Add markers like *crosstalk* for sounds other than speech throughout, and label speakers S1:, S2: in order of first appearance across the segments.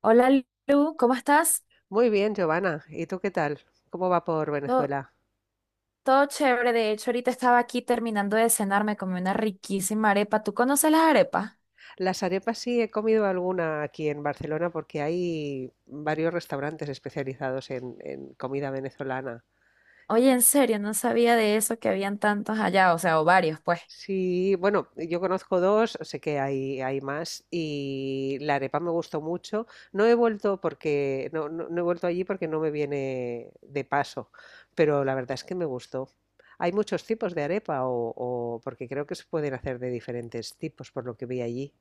S1: Hola Lu, ¿cómo estás?
S2: Muy bien, Giovanna. ¿Y tú qué tal? ¿Cómo va por
S1: Todo,
S2: Venezuela?
S1: todo chévere, de hecho ahorita estaba aquí terminando de cenar, me comí una riquísima arepa. ¿Tú conoces las arepas?
S2: Las arepas sí he comido alguna aquí en Barcelona porque hay varios restaurantes especializados en comida venezolana.
S1: Oye, en serio, no sabía de eso que habían tantos allá, o sea, o varios, pues.
S2: Sí, bueno, yo conozco dos, sé que hay más y la arepa me gustó mucho. No he vuelto porque no he vuelto allí porque no me viene de paso, pero la verdad es que me gustó. Hay muchos tipos de arepa porque creo que se pueden hacer de diferentes tipos por lo que vi allí.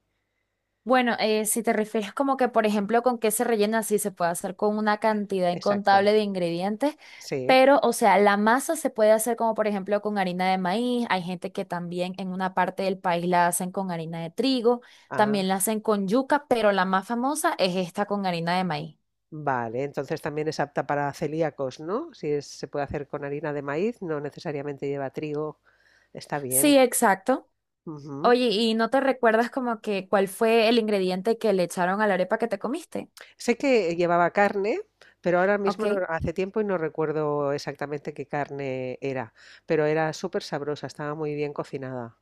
S1: Bueno, si te refieres como que, por ejemplo, con qué se rellena, sí se puede hacer con una cantidad
S2: Exacto,
S1: incontable de ingredientes,
S2: sí.
S1: pero, o sea, la masa se puede hacer como, por ejemplo, con harina de maíz. Hay gente que también en una parte del país la hacen con harina de trigo,
S2: Ah,
S1: también la hacen con yuca, pero la más famosa es esta con harina de maíz.
S2: vale. Entonces también es apta para celíacos, ¿no? Si es- Se puede hacer con harina de maíz, no necesariamente lleva trigo. Está
S1: Sí,
S2: bien.
S1: exacto.
S2: Ujú.
S1: Oye, ¿y no te recuerdas como que cuál fue el ingrediente que le echaron a la arepa que te comiste?
S2: Sé que llevaba carne, pero ahora
S1: Ok.
S2: mismo hace tiempo y no recuerdo exactamente qué carne era, pero era súper sabrosa, estaba muy bien cocinada.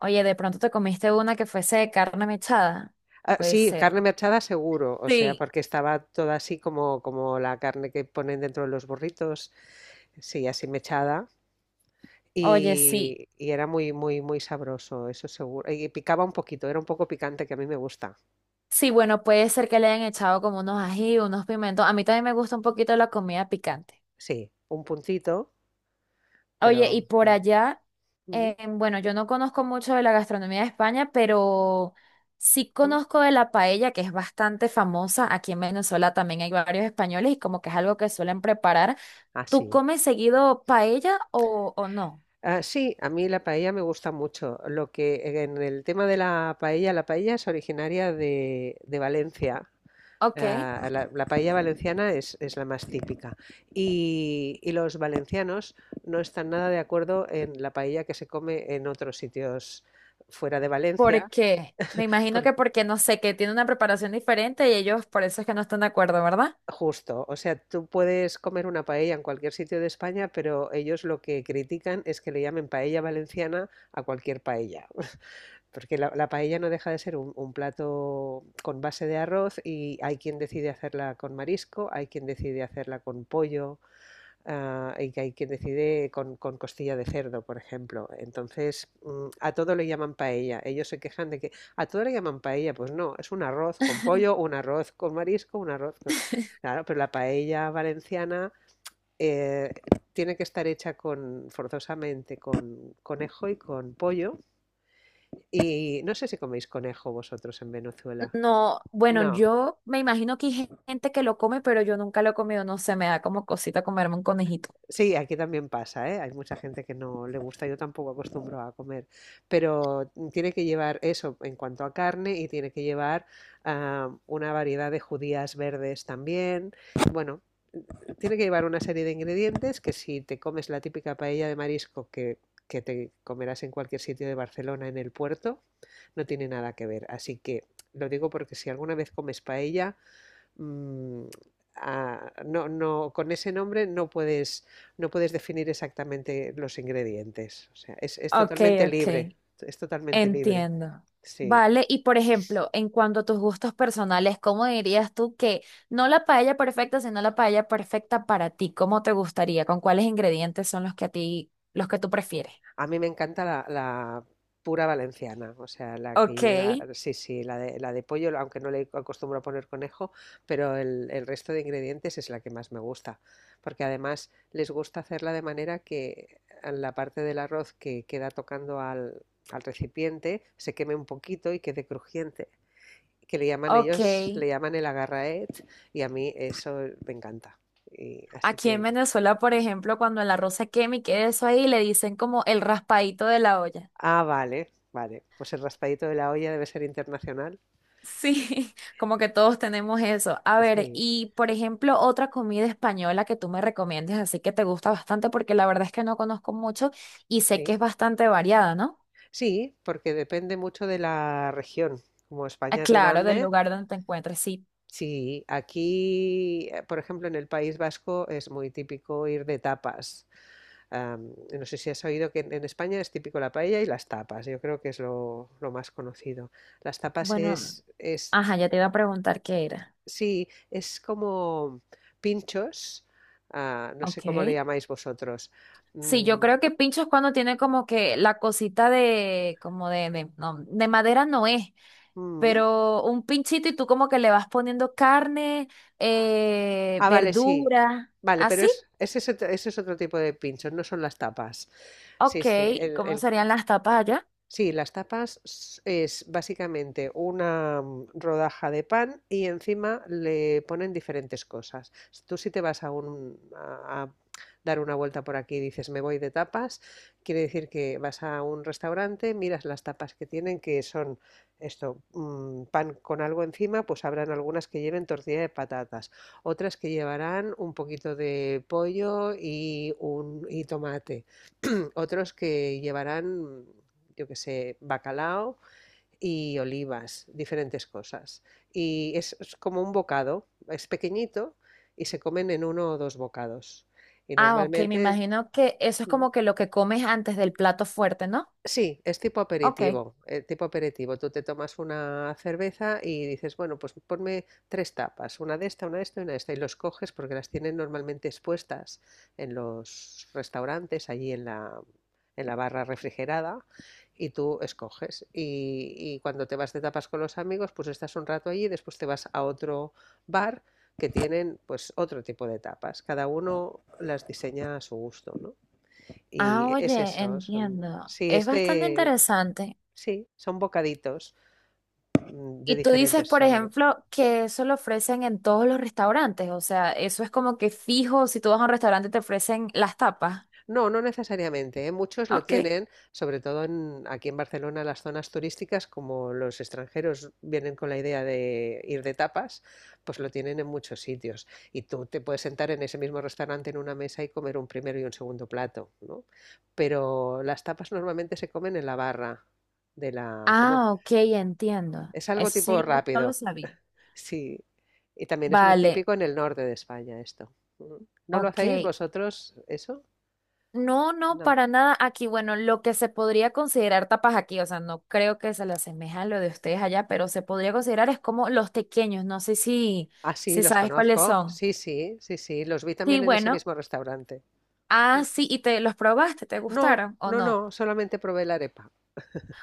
S1: Oye, de pronto te comiste una que fuese de carne mechada.
S2: Ah,
S1: Puede
S2: sí,
S1: ser.
S2: carne mechada seguro, o sea,
S1: Sí,
S2: porque estaba toda así como, como la carne que ponen dentro de los burritos, sí, así mechada.
S1: oye, sí.
S2: Y era muy, muy, muy sabroso, eso seguro. Y picaba un poquito, era un poco picante que a mí me gusta.
S1: Sí, bueno, puede ser que le hayan echado como unos ají, unos pimentos. A mí también me gusta un poquito la comida picante.
S2: Sí, un puntito,
S1: Oye,
S2: pero
S1: y por
S2: sí.
S1: allá,
S2: Ujú,
S1: bueno, yo no conozco mucho de la gastronomía de España, pero sí
S2: ujú.
S1: conozco de la paella, que es bastante famosa. Aquí en Venezuela también hay varios españoles y como que es algo que suelen preparar.
S2: Ah,
S1: ¿Tú
S2: sí.
S1: comes seguido paella o no?
S2: Ah, sí, a mí la paella me gusta mucho. Lo que en el tema de la paella es originaria de Valencia.
S1: Ok,
S2: Ah, la paella valenciana es la más típica. Y los valencianos no están nada de acuerdo en la paella que se come en otros sitios fuera de
S1: ¿por
S2: Valencia.
S1: qué? Me imagino que porque, no sé, que tiene una preparación diferente y ellos por eso es que no están de acuerdo, ¿verdad?
S2: Justo, o sea, tú puedes comer una paella en cualquier sitio de España, pero ellos lo que critican es que le llamen paella valenciana a cualquier paella, *laughs* porque la paella no deja de ser un plato con base de arroz y hay quien decide hacerla con marisco, hay quien decide hacerla con pollo. Ah, y que hay quien decide con costilla de cerdo, por ejemplo. Entonces, a todo le llaman paella. Ellos se quejan de que a todo le llaman paella. Pues no, es un arroz con pollo, un arroz con marisco, un arroz con... Claro, pero la paella valenciana eh, tiene que estar hecha con, forzosamente con conejo y con pollo. Y no sé si coméis conejo vosotros en Venezuela.
S1: No, bueno,
S2: No.
S1: yo me imagino que hay gente que lo come, pero yo nunca lo he comido, no sé, me da como cosita comerme un conejito.
S2: Sí, aquí también pasa, ¿eh? Hay mucha gente que no le gusta, yo tampoco acostumbro a comer, pero tiene que llevar eso en cuanto a carne y tiene que llevar una variedad de judías verdes también. Bueno, tiene que llevar una serie de ingredientes que si te comes la típica paella de marisco que te comerás en cualquier sitio de Barcelona en el puerto, no tiene nada que ver. Así que lo digo porque si alguna vez comes paella, mm, no, con ese nombre no no puedes definir exactamente los ingredientes. O sea, es
S1: Ok,
S2: totalmente libre,
S1: ok,
S2: es totalmente libre.
S1: entiendo.
S2: Sí,
S1: Vale, y por ejemplo, en cuanto a tus gustos personales, ¿cómo dirías tú que no la paella perfecta, sino la paella perfecta para ti? ¿Cómo te gustaría? ¿Con cuáles ingredientes son los que a ti, los que tú prefieres?
S2: a mí me encanta la pura valenciana, o sea, la que
S1: Ok,
S2: lleva, sí, sí, la de pollo, aunque no le acostumbro a poner conejo, pero el resto de ingredientes es la que más me gusta, porque además les gusta hacerla de manera que la parte del arroz que queda tocando al recipiente se queme un poquito y quede crujiente, que le llaman
S1: ok.
S2: ellos, le llaman el agarraet, y a mí eso me encanta. Y así
S1: Aquí en
S2: que,
S1: Venezuela, por ejemplo, cuando el arroz se quema y queda eso ahí, le dicen como el raspadito de la olla.
S2: ah, vale, vale, pues el raspadito de la olla debe ser internacional.
S1: Sí, *laughs* como que todos tenemos eso. A ver,
S2: Sí,
S1: y por ejemplo, otra comida española que tú me recomiendes, así que te gusta bastante, porque la verdad es que no conozco mucho y sé que
S2: sí,
S1: es bastante variada, ¿no?
S2: sí, porque depende mucho de la región. Como
S1: Ah,
S2: España es
S1: claro, del
S2: grande,
S1: lugar donde te encuentres, sí.
S2: sí, aquí, por ejemplo, en el País Vasco es muy típico ir de tapas. Am, no sé si has oído que en España es típico la paella y las tapas. Yo creo que es lo más conocido. Las
S1: Bueno, ajá, ya te iba a preguntar qué era.
S2: sí, es como pinchos, ah, no sé cómo le
S1: Ok.
S2: llamáis vosotros.
S1: Sí, yo
S2: Mm,
S1: creo que pincho es cuando tiene como que la cosita de, como de, no, de madera no es
S2: mm,
S1: pero un pinchito y tú como que le vas poniendo carne,
S2: Ah, vale, sí.
S1: verdura,
S2: Vale, pero
S1: así.
S2: es, ese es otro tipo de pinchos, no son las tapas. Sí,
S1: Ok,
S2: sí,
S1: ¿cómo
S2: el
S1: serían las tapas allá?
S2: Sí, las tapas es básicamente una rodaja de pan y encima le ponen diferentes cosas. Tú si te vas a dar una vuelta por aquí y dices me voy de tapas, quiere decir que vas a un restaurante, miras las tapas que tienen, que son esto, pan con algo encima, pues habrán algunas que lleven tortilla de patatas, otras que llevarán un poquito de pollo y tomate. Otros que llevarán, yo qué sé, bacalao y olivas, diferentes cosas. Y es como un bocado, es pequeñito y se comen en uno o dos bocados. Y
S1: Ah, ok, me
S2: normalmente,
S1: imagino que eso es
S2: mm,
S1: como que lo que comes antes del plato fuerte, ¿no?
S2: sí, es tipo
S1: Ok.
S2: aperitivo, tipo aperitivo. Tú te tomas una cerveza y dices, bueno, pues ponme tres tapas, una de esta y una de esta, y los coges porque las tienen normalmente expuestas en los restaurantes, allí en en la barra refrigerada, y tú escoges. Y cuando te vas de tapas con los amigos, pues estás un rato allí y después te vas a otro bar que tienen pues otro tipo de tapas. Cada uno las diseña a su gusto, ¿no?
S1: Ah,
S2: Y es
S1: oye,
S2: eso, son,
S1: entiendo.
S2: sí,
S1: Es
S2: es
S1: bastante
S2: de,
S1: interesante.
S2: sí, son bocaditos de
S1: Y tú dices,
S2: diferentes
S1: por
S2: sabores.
S1: ejemplo, que eso lo ofrecen en todos los restaurantes, o sea, eso es como que fijo, si tú vas a un restaurante te ofrecen las tapas.
S2: No, no necesariamente, ¿eh? Muchos lo
S1: Ok.
S2: tienen, sobre todo aquí en Barcelona, las zonas turísticas, como los extranjeros vienen con la idea de ir de tapas, pues lo tienen en muchos sitios. Y tú te puedes sentar en ese mismo restaurante en una mesa y comer un primero y un segundo plato, ¿no? Pero las tapas normalmente se comen en la barra de
S1: Ah, ok, entiendo.
S2: es algo
S1: Eso
S2: tipo
S1: sí, no lo
S2: rápido.
S1: sabía.
S2: Sí, y también es muy
S1: Vale,
S2: típico en el norte de España esto. Ujú. ¿No lo hacéis
S1: ok.
S2: vosotros eso?
S1: No, no,
S2: No.
S1: para nada. Aquí, bueno, lo que se podría considerar tapas aquí, o sea, no creo que se le asemeja a lo de ustedes allá, pero se podría considerar es como los tequeños. No sé si,
S2: Ah, sí,
S1: si
S2: los
S1: sabes cuáles
S2: conozco.
S1: son.
S2: Sí, sí, sí, sí, los vi
S1: Sí,
S2: también en ese
S1: bueno.
S2: mismo restaurante.
S1: Ah, sí, y te los probaste, ¿te
S2: No,
S1: gustaron o
S2: no,
S1: no?
S2: no, solamente probé la arepa.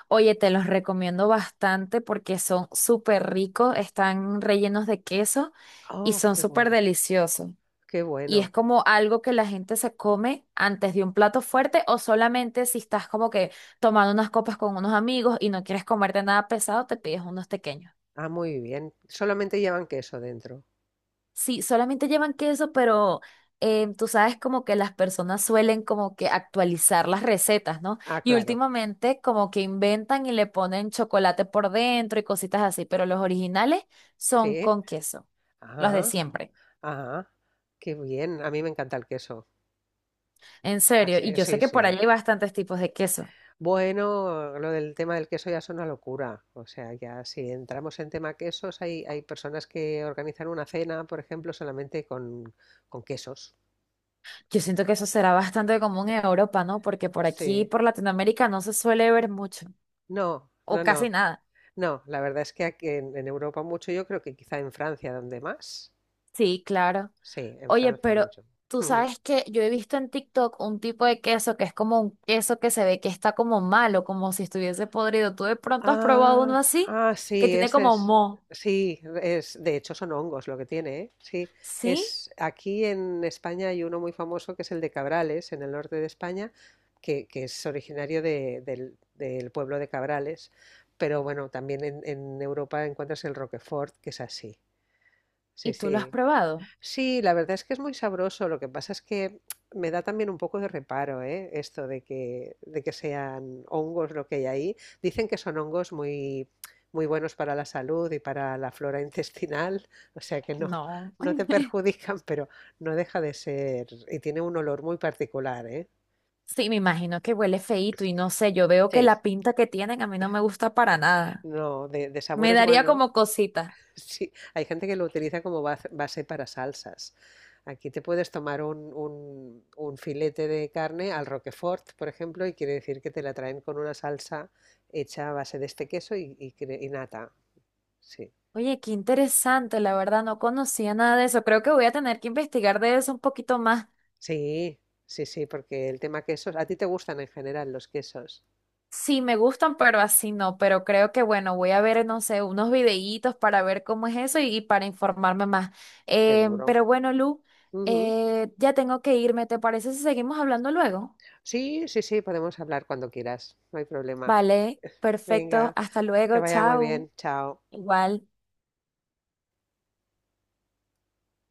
S1: Oye, te los recomiendo bastante porque son súper ricos, están rellenos de queso y
S2: Oh,
S1: son
S2: qué
S1: súper
S2: bueno,
S1: deliciosos.
S2: qué
S1: Y es
S2: bueno.
S1: como algo que la gente se come antes de un plato fuerte o solamente si estás como que tomando unas copas con unos amigos y no quieres comerte nada pesado, te pides unos pequeños.
S2: Ah, muy bien. Solamente llevan queso dentro.
S1: Sí, solamente llevan queso, pero tú sabes como que las personas suelen como que actualizar las recetas, ¿no?
S2: Ah,
S1: Y
S2: claro.
S1: últimamente como que inventan y le ponen chocolate por dentro y cositas así, pero los originales
S2: Sí.
S1: son con queso, los de
S2: Ah,
S1: siempre.
S2: ah, qué bien. A mí me encanta el queso.
S1: En
S2: Ah,
S1: serio,
S2: sí,
S1: y yo sé
S2: sí,
S1: que por
S2: sí.
S1: allá hay bastantes tipos de queso.
S2: Bueno, lo del tema del queso ya es una locura. O sea, ya si entramos en tema quesos, hay personas que organizan una cena, por ejemplo, solamente con quesos.
S1: Yo siento que eso será bastante común en Europa, ¿no? Porque por aquí,
S2: Sí.
S1: por Latinoamérica, no se suele ver mucho,
S2: No, no,
S1: o casi
S2: no.
S1: nada.
S2: No, la verdad es que aquí en Europa mucho, yo creo que quizá en Francia donde más.
S1: Sí, claro.
S2: Sí, en
S1: Oye,
S2: Francia
S1: pero
S2: mucho.
S1: tú
S2: *laughs*
S1: sabes que yo he visto en TikTok un tipo de queso que es como un queso que se ve que está como malo, como si estuviese podrido. ¿Tú de pronto has probado uno
S2: Ah,
S1: así?
S2: ah,
S1: Que
S2: sí,
S1: tiene
S2: ese
S1: como
S2: es,
S1: moho.
S2: sí, es, de hecho son hongos lo que tiene, ¿eh? Sí,
S1: ¿Sí?
S2: es, aquí en España hay uno muy famoso que es el de Cabrales, en el norte de España, que es originario del pueblo de Cabrales, pero bueno, también en Europa encuentras el Roquefort, que es así, sí,
S1: ¿Y tú lo has
S2: sí.
S1: probado?
S2: Sí, la verdad es que es muy sabroso. Lo que pasa es que me da también un poco de reparo, ¿eh? Esto de que sean hongos lo que hay ahí. Dicen que son hongos muy, muy buenos para la salud y para la flora *laughs* intestinal, o sea que
S1: No.
S2: no te
S1: *laughs*
S2: perjudican, pero no deja de ser. Y tiene un olor muy particular, ¿eh?
S1: Sí, me imagino que huele feíto y no sé, yo veo que
S2: Sí.
S1: la pinta que tienen a mí no me gusta para nada.
S2: No, de
S1: Me
S2: sabores
S1: daría
S2: bueno.
S1: como cosita.
S2: Sí, hay gente que lo utiliza como base para salsas. Aquí te puedes tomar un filete de carne al Roquefort, por ejemplo, y quiere decir que te la traen con una salsa hecha a base de este queso y nata. Sí,
S1: Oye, qué interesante, la verdad, no conocía nada de eso. Creo que voy a tener que investigar de eso un poquito más.
S2: sí, sí, sí, porque el tema quesos, a ti te gustan en general los quesos,
S1: Sí, me gustan, pero así no. Pero creo que, bueno, voy a ver, no sé, unos videitos para ver cómo es eso y para informarme más.
S2: seguro.
S1: Pero bueno, Lu,
S2: Ujú.
S1: ya tengo que irme. ¿Te parece si seguimos hablando luego?
S2: Sí, sí, sí, podemos hablar cuando quieras, no hay problema.
S1: Vale, perfecto.
S2: Venga,
S1: Hasta
S2: que
S1: luego,
S2: vaya muy
S1: chao.
S2: bien, chao.
S1: Igual.